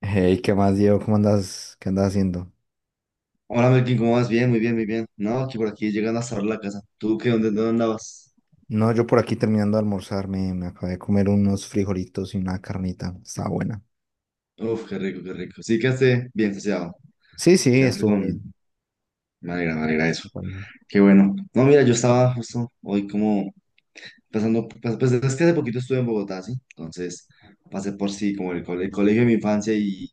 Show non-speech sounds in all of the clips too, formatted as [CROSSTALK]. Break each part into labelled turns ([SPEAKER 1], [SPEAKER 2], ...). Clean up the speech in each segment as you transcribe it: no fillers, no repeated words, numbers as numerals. [SPEAKER 1] Hey, ¿qué más, Diego? ¿Cómo andas? ¿Qué andas haciendo?
[SPEAKER 2] Hola, Melkin, ¿cómo vas? Bien, muy bien, muy bien. No, aquí por aquí llegando a cerrar la casa. ¿Tú qué? ¿Dónde andabas?
[SPEAKER 1] No, yo por aquí terminando de almorzar, me acabé de comer unos frijolitos y una carnita. Estaba buena.
[SPEAKER 2] Uf, qué rico, qué rico. Sí, quedaste bien saciado.
[SPEAKER 1] Sí, sí,
[SPEAKER 2] Quedaste
[SPEAKER 1] estuvo
[SPEAKER 2] con...
[SPEAKER 1] bien.
[SPEAKER 2] Me alegra eso.
[SPEAKER 1] Bueno.
[SPEAKER 2] Qué bueno. No, mira, yo estaba justo hoy como pasando... Pues, es que hace poquito estuve en Bogotá, ¿sí? Entonces pasé por sí como el colegio de mi infancia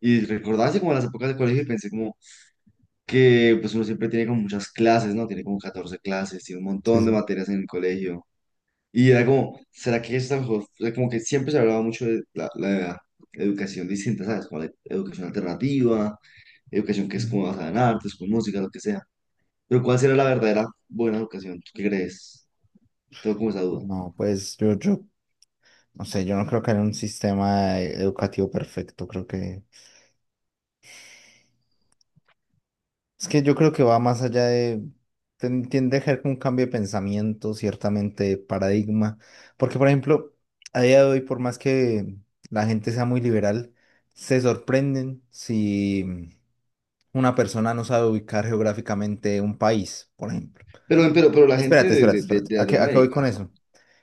[SPEAKER 2] y recordaba así como las épocas del colegio y pensé como que pues uno siempre tiene como muchas clases, ¿no? Tiene como 14 clases, tiene un
[SPEAKER 1] Sí,
[SPEAKER 2] montón de
[SPEAKER 1] sí.
[SPEAKER 2] materias en el colegio. Y era como, ¿será que esta mejor? O sea, como que siempre se hablaba mucho de la educación distinta, ¿sabes? Como la educación alternativa, educación que es
[SPEAKER 1] Ujú.
[SPEAKER 2] como basada en artes, con música, lo que sea. Pero ¿cuál será la verdadera buena educación? ¿Tú qué crees? Tengo como esa duda.
[SPEAKER 1] No, pues no sé, yo no creo que haya un sistema educativo perfecto. Creo que es que yo creo que va más allá de, tiende a ser como un cambio de pensamiento, ciertamente, de paradigma. Porque, por ejemplo, a día de hoy, por más que la gente sea muy liberal, se sorprenden si una persona no sabe ubicar geográficamente un país, por ejemplo.
[SPEAKER 2] Pero la gente
[SPEAKER 1] Espérate,
[SPEAKER 2] de,
[SPEAKER 1] espérate,
[SPEAKER 2] de, de,
[SPEAKER 1] espérate.
[SPEAKER 2] de
[SPEAKER 1] ¿A qué voy
[SPEAKER 2] Latinoamérica,
[SPEAKER 1] con eso?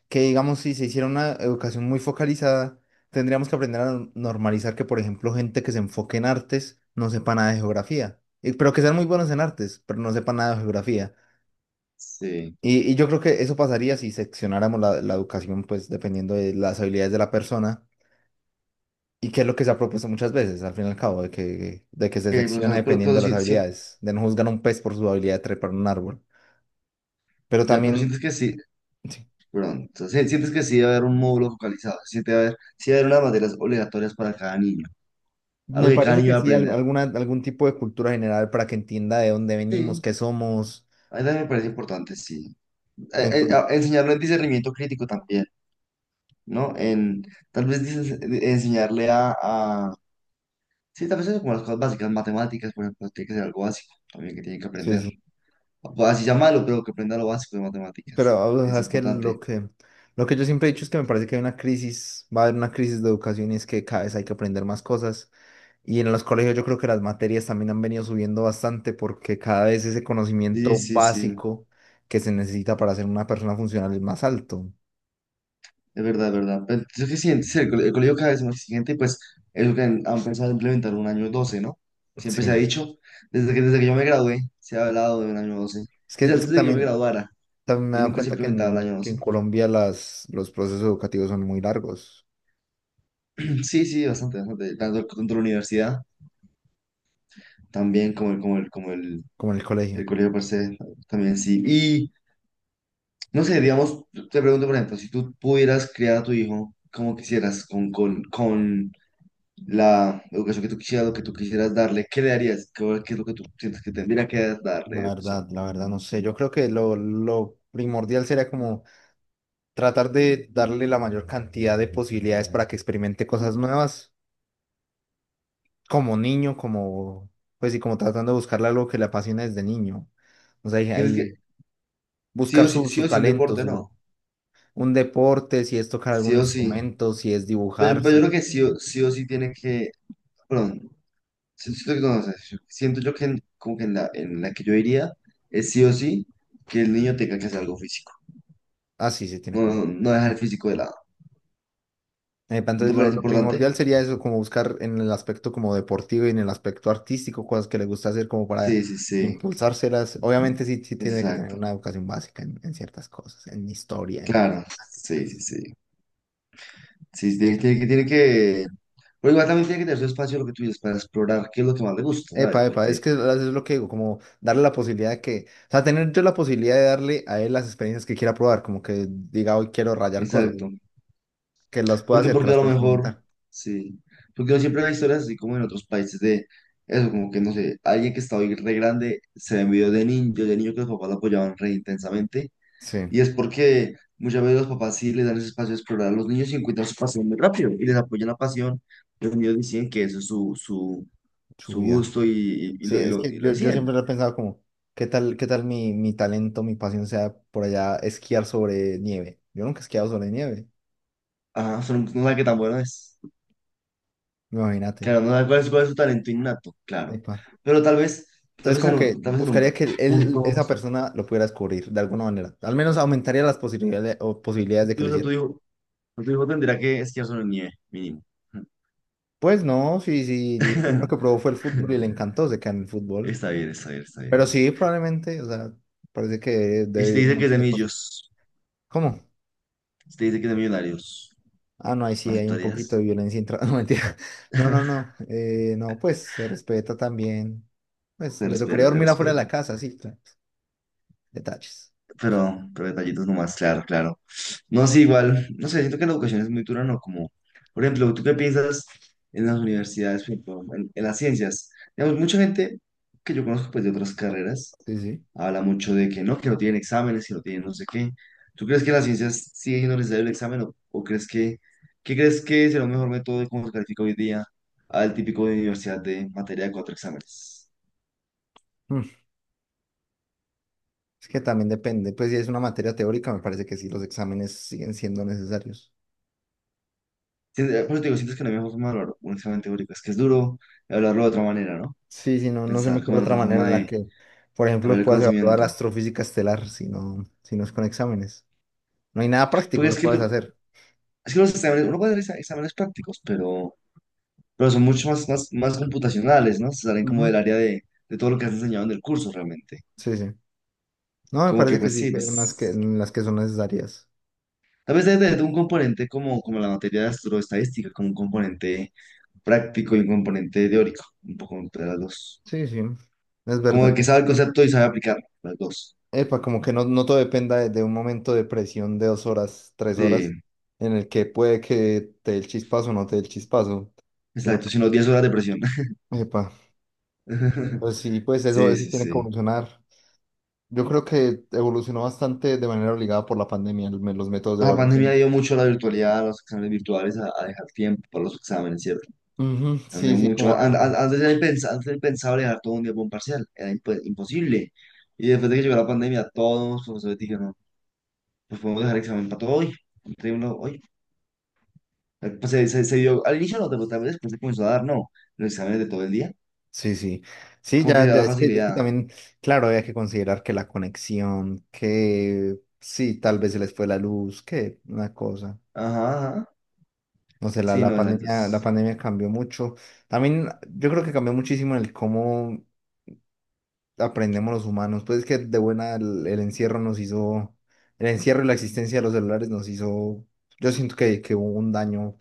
[SPEAKER 1] Que digamos, si se hiciera una educación muy focalizada, tendríamos que aprender a normalizar que, por ejemplo, gente que se enfoque en artes no sepa nada de geografía. Pero que sean muy buenos en artes, pero no sepa nada de geografía.
[SPEAKER 2] sí.
[SPEAKER 1] Y yo creo que eso pasaría si seccionáramos la educación, pues dependiendo de las habilidades de la persona, y que es lo que se ha propuesto muchas veces, al fin y al cabo, de que se
[SPEAKER 2] Que, o
[SPEAKER 1] secciona
[SPEAKER 2] sea, pero,
[SPEAKER 1] dependiendo
[SPEAKER 2] pero
[SPEAKER 1] de las
[SPEAKER 2] sí, sí,
[SPEAKER 1] habilidades, de no juzgar a un pez por su habilidad de trepar un árbol. Pero
[SPEAKER 2] ya, pero
[SPEAKER 1] también...
[SPEAKER 2] sientes que sí,
[SPEAKER 1] Sí.
[SPEAKER 2] perdón, o sea, sientes que sí debe haber un módulo focalizado, si siente haber, sí debe haber unas materias obligatorias para cada niño, algo
[SPEAKER 1] Me
[SPEAKER 2] que cada
[SPEAKER 1] parece
[SPEAKER 2] niño
[SPEAKER 1] que
[SPEAKER 2] va a
[SPEAKER 1] sí,
[SPEAKER 2] aprender.
[SPEAKER 1] alguna, algún tipo de cultura general para que entienda de dónde venimos,
[SPEAKER 2] Sí,
[SPEAKER 1] qué somos.
[SPEAKER 2] a mí también me parece importante, sí.
[SPEAKER 1] Entonces,
[SPEAKER 2] Enseñarlo en discernimiento crítico también, ¿no? En, enseñarle sí, tal vez eso como las cosas básicas, matemáticas, por ejemplo, tiene que ser algo básico también que tiene que
[SPEAKER 1] sí,
[SPEAKER 2] aprender.
[SPEAKER 1] sí.
[SPEAKER 2] Pues así llamarlo, pero que aprenda lo básico de
[SPEAKER 1] Pero
[SPEAKER 2] matemáticas.
[SPEAKER 1] ah, o
[SPEAKER 2] Es
[SPEAKER 1] sea, es que lo
[SPEAKER 2] importante.
[SPEAKER 1] que lo que yo siempre he dicho es que me parece que hay una crisis, va a haber una crisis de educación, y es que cada vez hay que aprender más cosas. Y en los colegios yo creo que las materias también han venido subiendo bastante, porque cada vez ese
[SPEAKER 2] Sí,
[SPEAKER 1] conocimiento
[SPEAKER 2] sí, sí,
[SPEAKER 1] básico que se necesita para ser una persona funcional es más alto.
[SPEAKER 2] es verdad, es verdad. Pero es que sí, sí, el colegio cada vez es más exigente y pues es lo que han pensado implementar un año 12, ¿no? Siempre se ha
[SPEAKER 1] Sí.
[SPEAKER 2] dicho, desde que yo me gradué, se ha hablado de un año 12. Desde
[SPEAKER 1] Es
[SPEAKER 2] antes
[SPEAKER 1] que
[SPEAKER 2] de que yo me
[SPEAKER 1] también,
[SPEAKER 2] graduara
[SPEAKER 1] también me he
[SPEAKER 2] y
[SPEAKER 1] dado
[SPEAKER 2] nunca se
[SPEAKER 1] cuenta
[SPEAKER 2] implementaba el año
[SPEAKER 1] que
[SPEAKER 2] 12.
[SPEAKER 1] en Colombia los procesos educativos son muy largos.
[SPEAKER 2] Sí, sí, bastante, bastante. Tanto, tanto la universidad también como
[SPEAKER 1] Como en el colegio.
[SPEAKER 2] el colegio per se, también sí. Y no sé, digamos, te pregunto, por ejemplo, si tú pudieras criar a tu hijo como quisieras, con la educación que tú quisieras, lo que tú quisieras darle, ¿qué le darías? ¿Qué, qué es lo que tú sientes que tendría que darle de educación?
[SPEAKER 1] La verdad, no sé. Yo creo que lo primordial sería como tratar de darle la mayor cantidad de posibilidades para que experimente cosas nuevas, como niño, como, pues, y como tratando de buscarle algo que le apasione desde niño. O sea, ahí
[SPEAKER 2] Sientes
[SPEAKER 1] ahí
[SPEAKER 2] que
[SPEAKER 1] buscar su,
[SPEAKER 2] sí
[SPEAKER 1] su
[SPEAKER 2] o sí un
[SPEAKER 1] talento,
[SPEAKER 2] deporte,
[SPEAKER 1] su,
[SPEAKER 2] no.
[SPEAKER 1] un deporte, si es tocar
[SPEAKER 2] Sí
[SPEAKER 1] algún
[SPEAKER 2] o sí.
[SPEAKER 1] instrumento, si es
[SPEAKER 2] Pero,
[SPEAKER 1] dibujar,
[SPEAKER 2] pero yo
[SPEAKER 1] si...
[SPEAKER 2] creo que sí o sí, o sí tiene que, perdón, siento, que no, o sea, siento yo que como que en en la que yo iría es sí o sí que el niño tenga que hacer algo físico.
[SPEAKER 1] Ah, sí, sí, tiene
[SPEAKER 2] No,
[SPEAKER 1] que...
[SPEAKER 2] no, no dejar el físico de lado.
[SPEAKER 1] Epa,
[SPEAKER 2] ¿No te
[SPEAKER 1] entonces lo,
[SPEAKER 2] parece
[SPEAKER 1] lo
[SPEAKER 2] importante?
[SPEAKER 1] primordial sería eso, como buscar en el aspecto como deportivo y en el aspecto artístico cosas que le gusta hacer como para
[SPEAKER 2] Sí, sí, sí.
[SPEAKER 1] impulsárselas. Obviamente sí, sí tiene que tener
[SPEAKER 2] Exacto.
[SPEAKER 1] una educación básica en ciertas cosas, en historia, en...
[SPEAKER 2] Claro. Sí, sí, sí. Sí, sí, tiene, tiene que... Pero igual también tiene que tener su espacio, lo que tú dices, para explorar qué es lo que más le gusta, ¿sabes?
[SPEAKER 1] Epa, epa,
[SPEAKER 2] Porque,
[SPEAKER 1] es que eso es lo que digo, como darle la posibilidad de que, o sea, tener yo la posibilidad de darle a él las experiencias que quiera probar, como que diga hoy quiero rayar cosas,
[SPEAKER 2] exacto.
[SPEAKER 1] que las pueda
[SPEAKER 2] Porque,
[SPEAKER 1] hacer, que
[SPEAKER 2] porque a
[SPEAKER 1] las
[SPEAKER 2] lo
[SPEAKER 1] pueda
[SPEAKER 2] mejor,
[SPEAKER 1] experimentar.
[SPEAKER 2] sí. Porque yo siempre veo historias así como en otros países de eso, como que no sé, alguien que está hoy re grande se ve en videos de niño que los papás lo apoyaban re intensamente.
[SPEAKER 1] Sí,
[SPEAKER 2] Y es porque muchas veces los papás sí les dan ese espacio de explorar a los niños y encuentran su pasión muy rápido y les apoyan la pasión. Los niños deciden que eso es
[SPEAKER 1] su
[SPEAKER 2] su
[SPEAKER 1] vida.
[SPEAKER 2] gusto y, y,
[SPEAKER 1] Sí,
[SPEAKER 2] lo, y,
[SPEAKER 1] es
[SPEAKER 2] lo,
[SPEAKER 1] que
[SPEAKER 2] y lo
[SPEAKER 1] yo
[SPEAKER 2] deciden.
[SPEAKER 1] siempre lo he pensado como, qué tal mi, mi talento, mi pasión sea por allá esquiar sobre nieve? Yo nunca he esquiado sobre nieve,
[SPEAKER 2] Ajá, son, no saben qué tan bueno es.
[SPEAKER 1] imagínate.
[SPEAKER 2] Claro, no saben cuál es su talento innato, claro.
[SPEAKER 1] Epa.
[SPEAKER 2] Pero tal vez,
[SPEAKER 1] Entonces como que
[SPEAKER 2] tal vez en
[SPEAKER 1] buscaría
[SPEAKER 2] un
[SPEAKER 1] que él,
[SPEAKER 2] punto.
[SPEAKER 1] esa persona lo pudiera descubrir de alguna manera. Al menos aumentaría las posibilidades, o posibilidades
[SPEAKER 2] Tu
[SPEAKER 1] de que lo
[SPEAKER 2] hijo, tu
[SPEAKER 1] hiciera.
[SPEAKER 2] hijo, tu hijo tendrá que esquiar en nieve, mínimo.
[SPEAKER 1] Pues no, si, si lo primero que
[SPEAKER 2] [LAUGHS]
[SPEAKER 1] probó fue el fútbol y le encantó, se queda en el fútbol.
[SPEAKER 2] Está bien, está bien, está
[SPEAKER 1] Pero
[SPEAKER 2] bien.
[SPEAKER 1] sí, probablemente, o sea, parece que
[SPEAKER 2] Y si
[SPEAKER 1] debe
[SPEAKER 2] te
[SPEAKER 1] ir un
[SPEAKER 2] dice que es
[SPEAKER 1] montón
[SPEAKER 2] de
[SPEAKER 1] de cosas.
[SPEAKER 2] millos,
[SPEAKER 1] ¿Cómo?
[SPEAKER 2] si te dice que es de millonarios,
[SPEAKER 1] Ah, no, ahí
[SPEAKER 2] ¿no
[SPEAKER 1] sí hay un poquito de
[SPEAKER 2] aceptarías?
[SPEAKER 1] violencia intra... [LAUGHS] No, mentira. No, no,
[SPEAKER 2] [LAUGHS]
[SPEAKER 1] no. No, pues se respeta también. Pues
[SPEAKER 2] Se
[SPEAKER 1] le tocaría
[SPEAKER 2] respeta, se
[SPEAKER 1] dormir afuera de la
[SPEAKER 2] respeta.
[SPEAKER 1] casa, sí, claro. Detalles.
[SPEAKER 2] Pero detallitos nomás, claro, claro. No, sí, igual, no sé, siento que la educación es muy dura, ¿no? Como, por ejemplo, ¿tú qué piensas en las universidades, por ejemplo, en las ciencias? Digamos, mucha gente que yo conozco, pues, de otras carreras,
[SPEAKER 1] Sí, sí.
[SPEAKER 2] habla mucho de que no tienen exámenes, que no tienen no sé qué. ¿Tú crees que en las ciencias sigue siendo necesario el examen o crees que, qué crees que será un mejor método de cómo se califica hoy día al típico de universidad de materia de cuatro exámenes?
[SPEAKER 1] Mm, Es que también depende. Pues si es una materia teórica, me parece que sí, los exámenes siguen siendo necesarios.
[SPEAKER 2] Sí, por eso te digo, sientes que no hay mejor forma de hablar un examen teórico. Es que es duro hablarlo de otra manera, ¿no?
[SPEAKER 1] Sí, sí, no, no se me
[SPEAKER 2] Pensar como
[SPEAKER 1] ocurre
[SPEAKER 2] en
[SPEAKER 1] otra
[SPEAKER 2] otra
[SPEAKER 1] manera
[SPEAKER 2] forma
[SPEAKER 1] en la
[SPEAKER 2] de
[SPEAKER 1] que, por
[SPEAKER 2] hablar
[SPEAKER 1] ejemplo,
[SPEAKER 2] el
[SPEAKER 1] puedas evaluar
[SPEAKER 2] conocimiento.
[SPEAKER 1] astrofísica estelar si no, si no es con exámenes. No hay nada
[SPEAKER 2] Porque
[SPEAKER 1] práctico que
[SPEAKER 2] es que,
[SPEAKER 1] puedas hacer.
[SPEAKER 2] es que los exámenes, uno puede hacer exámenes prácticos, pero son mucho más computacionales, ¿no? Se salen como
[SPEAKER 1] Ujú.
[SPEAKER 2] del área de todo lo que has enseñado en el curso realmente.
[SPEAKER 1] Sí, sí. No, me
[SPEAKER 2] Como que,
[SPEAKER 1] parece que
[SPEAKER 2] pues
[SPEAKER 1] sí,
[SPEAKER 2] sí,
[SPEAKER 1] que hay unas que,
[SPEAKER 2] pues.
[SPEAKER 1] en las que son necesarias.
[SPEAKER 2] Tal vez debe tener un componente como, como la materia de astroestadística, como un componente práctico y un componente teórico, un poco entre las dos.
[SPEAKER 1] Sí, sí, es
[SPEAKER 2] Como
[SPEAKER 1] verdad.
[SPEAKER 2] de que sabe el concepto y sabe aplicar las dos.
[SPEAKER 1] Epa, como que no, no todo dependa de un momento de presión de dos horas, tres horas,
[SPEAKER 2] Sí.
[SPEAKER 1] en el que puede que te dé el chispazo o no te dé el chispazo, sino
[SPEAKER 2] Exacto,
[SPEAKER 1] que,
[SPEAKER 2] sino 10 horas de presión.
[SPEAKER 1] epa, pues
[SPEAKER 2] [LAUGHS]
[SPEAKER 1] sí, pues eso,
[SPEAKER 2] Sí,
[SPEAKER 1] eso
[SPEAKER 2] sí,
[SPEAKER 1] tiene que
[SPEAKER 2] sí.
[SPEAKER 1] evolucionar. Yo creo que evolucionó bastante de manera obligada por la pandemia, el los métodos de
[SPEAKER 2] La pandemia
[SPEAKER 1] evaluación.
[SPEAKER 2] dio mucho a la virtualidad, a los exámenes virtuales, a dejar tiempo para los exámenes, ¿cierto?
[SPEAKER 1] Ujú,
[SPEAKER 2] Cambió
[SPEAKER 1] sí, sí, como...
[SPEAKER 2] mucho.
[SPEAKER 1] a-
[SPEAKER 2] Antes era antes era impensable dejar todo un día para un parcial, era imposible. Y después de que llegó la pandemia, todos los profesores dijeron, pues podemos dejar examen para todo hoy, entreguémoslo hoy. Pues se dio, al inicio no, pero tal vez después se comenzó a dar, no, los exámenes de todo el día,
[SPEAKER 1] Sí, sí. Sí,
[SPEAKER 2] como que se
[SPEAKER 1] ya,
[SPEAKER 2] da
[SPEAKER 1] ya,
[SPEAKER 2] la
[SPEAKER 1] es que
[SPEAKER 2] facilidad.
[SPEAKER 1] también, claro, había que considerar que la conexión, que sí, tal vez se les fue la luz, que una cosa.
[SPEAKER 2] Ajá, ajá.
[SPEAKER 1] No sé,
[SPEAKER 2] Sí, no, exacto.
[SPEAKER 1] la
[SPEAKER 2] Es.
[SPEAKER 1] pandemia cambió mucho. También yo creo que cambió muchísimo el cómo aprendemos los humanos. Pues es que de buena el encierro nos hizo, el encierro y la existencia de los celulares nos hizo, yo siento que hubo un daño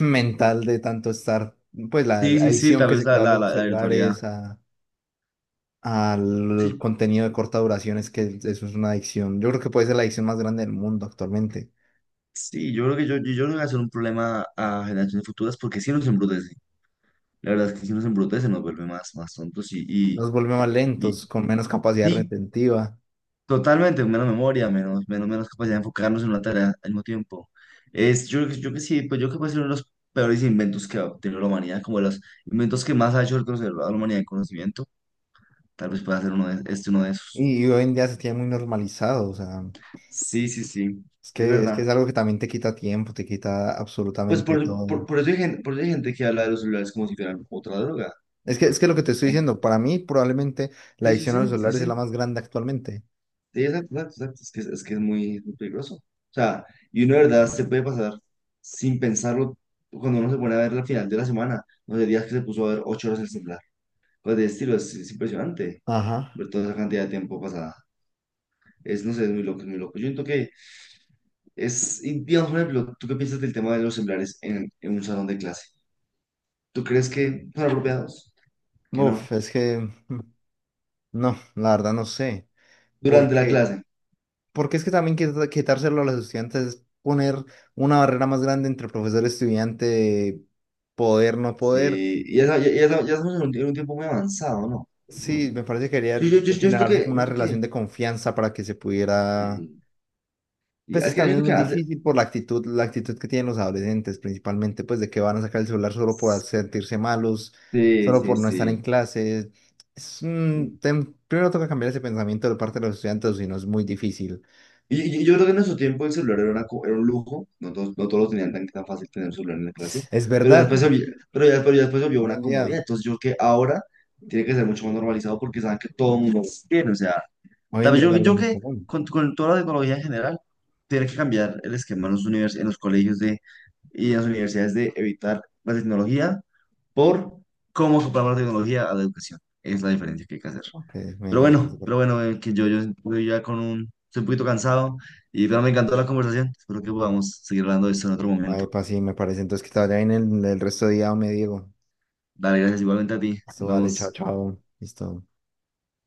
[SPEAKER 1] mental de tanto estar, pues la
[SPEAKER 2] Sí,
[SPEAKER 1] la
[SPEAKER 2] sí, sí,
[SPEAKER 1] adicción
[SPEAKER 2] tal
[SPEAKER 1] que
[SPEAKER 2] vez
[SPEAKER 1] se creó a los
[SPEAKER 2] la virtualidad.
[SPEAKER 1] celulares, a, al
[SPEAKER 2] Sí.
[SPEAKER 1] contenido de corta duración, es que eso es una adicción. Yo creo que puede ser la adicción más grande del mundo actualmente.
[SPEAKER 2] Sí, yo creo que yo creo que va a ser un problema a generaciones futuras porque si nos embrutece. La verdad es que si nos embrutece nos vuelve más, más tontos
[SPEAKER 1] Nos vuelve más
[SPEAKER 2] y
[SPEAKER 1] lentos, con menos capacidad
[SPEAKER 2] sí,
[SPEAKER 1] retentiva.
[SPEAKER 2] totalmente, menos memoria, menos, menos, menos capacidad de enfocarnos en una tarea al mismo tiempo. Es, yo, yo creo que sí, pues yo creo que puede ser uno de los peores inventos que ha tenido la humanidad, como de los inventos que más ha hecho retroceder a la humanidad en conocimiento. Tal vez pueda ser uno de, este uno de esos.
[SPEAKER 1] Y hoy en día se tiene muy normalizado, o sea,
[SPEAKER 2] Sí, sí, sí,
[SPEAKER 1] es
[SPEAKER 2] es
[SPEAKER 1] que, es que es
[SPEAKER 2] verdad.
[SPEAKER 1] algo que también te quita tiempo, te quita
[SPEAKER 2] Pues
[SPEAKER 1] absolutamente todo. ¿No?
[SPEAKER 2] por eso hay gente, por eso hay gente que habla de los celulares como si fueran otra droga.
[SPEAKER 1] Es que lo que te estoy
[SPEAKER 2] Ay,
[SPEAKER 1] diciendo, para mí probablemente la
[SPEAKER 2] sí, sí,
[SPEAKER 1] adicción
[SPEAKER 2] sí,
[SPEAKER 1] a los
[SPEAKER 2] sí,
[SPEAKER 1] celulares es
[SPEAKER 2] sí.
[SPEAKER 1] la más grande actualmente.
[SPEAKER 2] Sí, exacto, exacto, exacto. Es que, es que es muy peligroso. O sea, y uno de verdad se puede pasar sin pensarlo cuando uno se pone a ver la final de la semana, no sé, días que se puso a ver 8 horas el celular. Cosas de estilo, es impresionante
[SPEAKER 1] Ajá.
[SPEAKER 2] ver toda esa cantidad de tiempo pasada. Es, no sé, es muy loco, es muy loco. Yo siento que es, y digamos, por ejemplo, ¿tú qué piensas del tema de los celulares en un salón de clase? ¿Tú crees que son apropiados? Que
[SPEAKER 1] Uf,
[SPEAKER 2] no.
[SPEAKER 1] es que mm, no, la verdad no sé.
[SPEAKER 2] Durante la
[SPEAKER 1] Porque,
[SPEAKER 2] clase.
[SPEAKER 1] porque es que también quitárselo a los estudiantes es poner una barrera más grande entre profesor y estudiante, poder, no poder.
[SPEAKER 2] Sí, y ya estamos en un tiempo muy avanzado, ¿no?
[SPEAKER 1] Sí, me parece que quería
[SPEAKER 2] Yo siento que,
[SPEAKER 1] generarse como
[SPEAKER 2] yo
[SPEAKER 1] una
[SPEAKER 2] siento que
[SPEAKER 1] relación de confianza para que se pudiera.
[SPEAKER 2] eh, y
[SPEAKER 1] Pues
[SPEAKER 2] es
[SPEAKER 1] que
[SPEAKER 2] que yo
[SPEAKER 1] también es
[SPEAKER 2] creo que
[SPEAKER 1] muy
[SPEAKER 2] antes.
[SPEAKER 1] difícil por la actitud que tienen los adolescentes, principalmente, pues de que van a sacar el celular solo por sentirse malos,
[SPEAKER 2] Sí,
[SPEAKER 1] solo
[SPEAKER 2] sí,
[SPEAKER 1] por no estar
[SPEAKER 2] sí.
[SPEAKER 1] en clase. Es un
[SPEAKER 2] Sí.
[SPEAKER 1] primero toca cambiar ese pensamiento de parte de los estudiantes, o si no es muy difícil.
[SPEAKER 2] Y, y yo creo que en nuestro tiempo el celular era, era un lujo. No todos, no todos lo tenían tan, tan fácil tener un celular en la clase.
[SPEAKER 1] Es
[SPEAKER 2] Pero ya después se
[SPEAKER 1] verdad,
[SPEAKER 2] volvió, pero ya después se volvió
[SPEAKER 1] hoy
[SPEAKER 2] una
[SPEAKER 1] en día,
[SPEAKER 2] comodidad. Entonces yo creo que ahora tiene que ser mucho más normalizado porque saben que todo el mundo lo tiene. O sea,
[SPEAKER 1] hoy
[SPEAKER 2] tal
[SPEAKER 1] en
[SPEAKER 2] vez
[SPEAKER 1] día es algo
[SPEAKER 2] yo
[SPEAKER 1] muy
[SPEAKER 2] creo que
[SPEAKER 1] común.
[SPEAKER 2] con toda la tecnología en general, tiene que cambiar el esquema en los en los colegios de, y en las universidades de evitar la tecnología por cómo soportamos la tecnología a la educación. Es la diferencia que hay que hacer.
[SPEAKER 1] Ok, me, me parece
[SPEAKER 2] Pero
[SPEAKER 1] correcto.
[SPEAKER 2] bueno, que yo estoy ya con un, estoy un poquito cansado y pero me encantó la conversación. Espero que podamos seguir hablando de esto en otro
[SPEAKER 1] Epa,
[SPEAKER 2] momento.
[SPEAKER 1] epa, sí, me parece. Entonces que te vaya bien el resto de día, me Diego.
[SPEAKER 2] Dale, gracias igualmente a ti.
[SPEAKER 1] Esto
[SPEAKER 2] Nos
[SPEAKER 1] vale, chao,
[SPEAKER 2] vemos.
[SPEAKER 1] chao. Listo.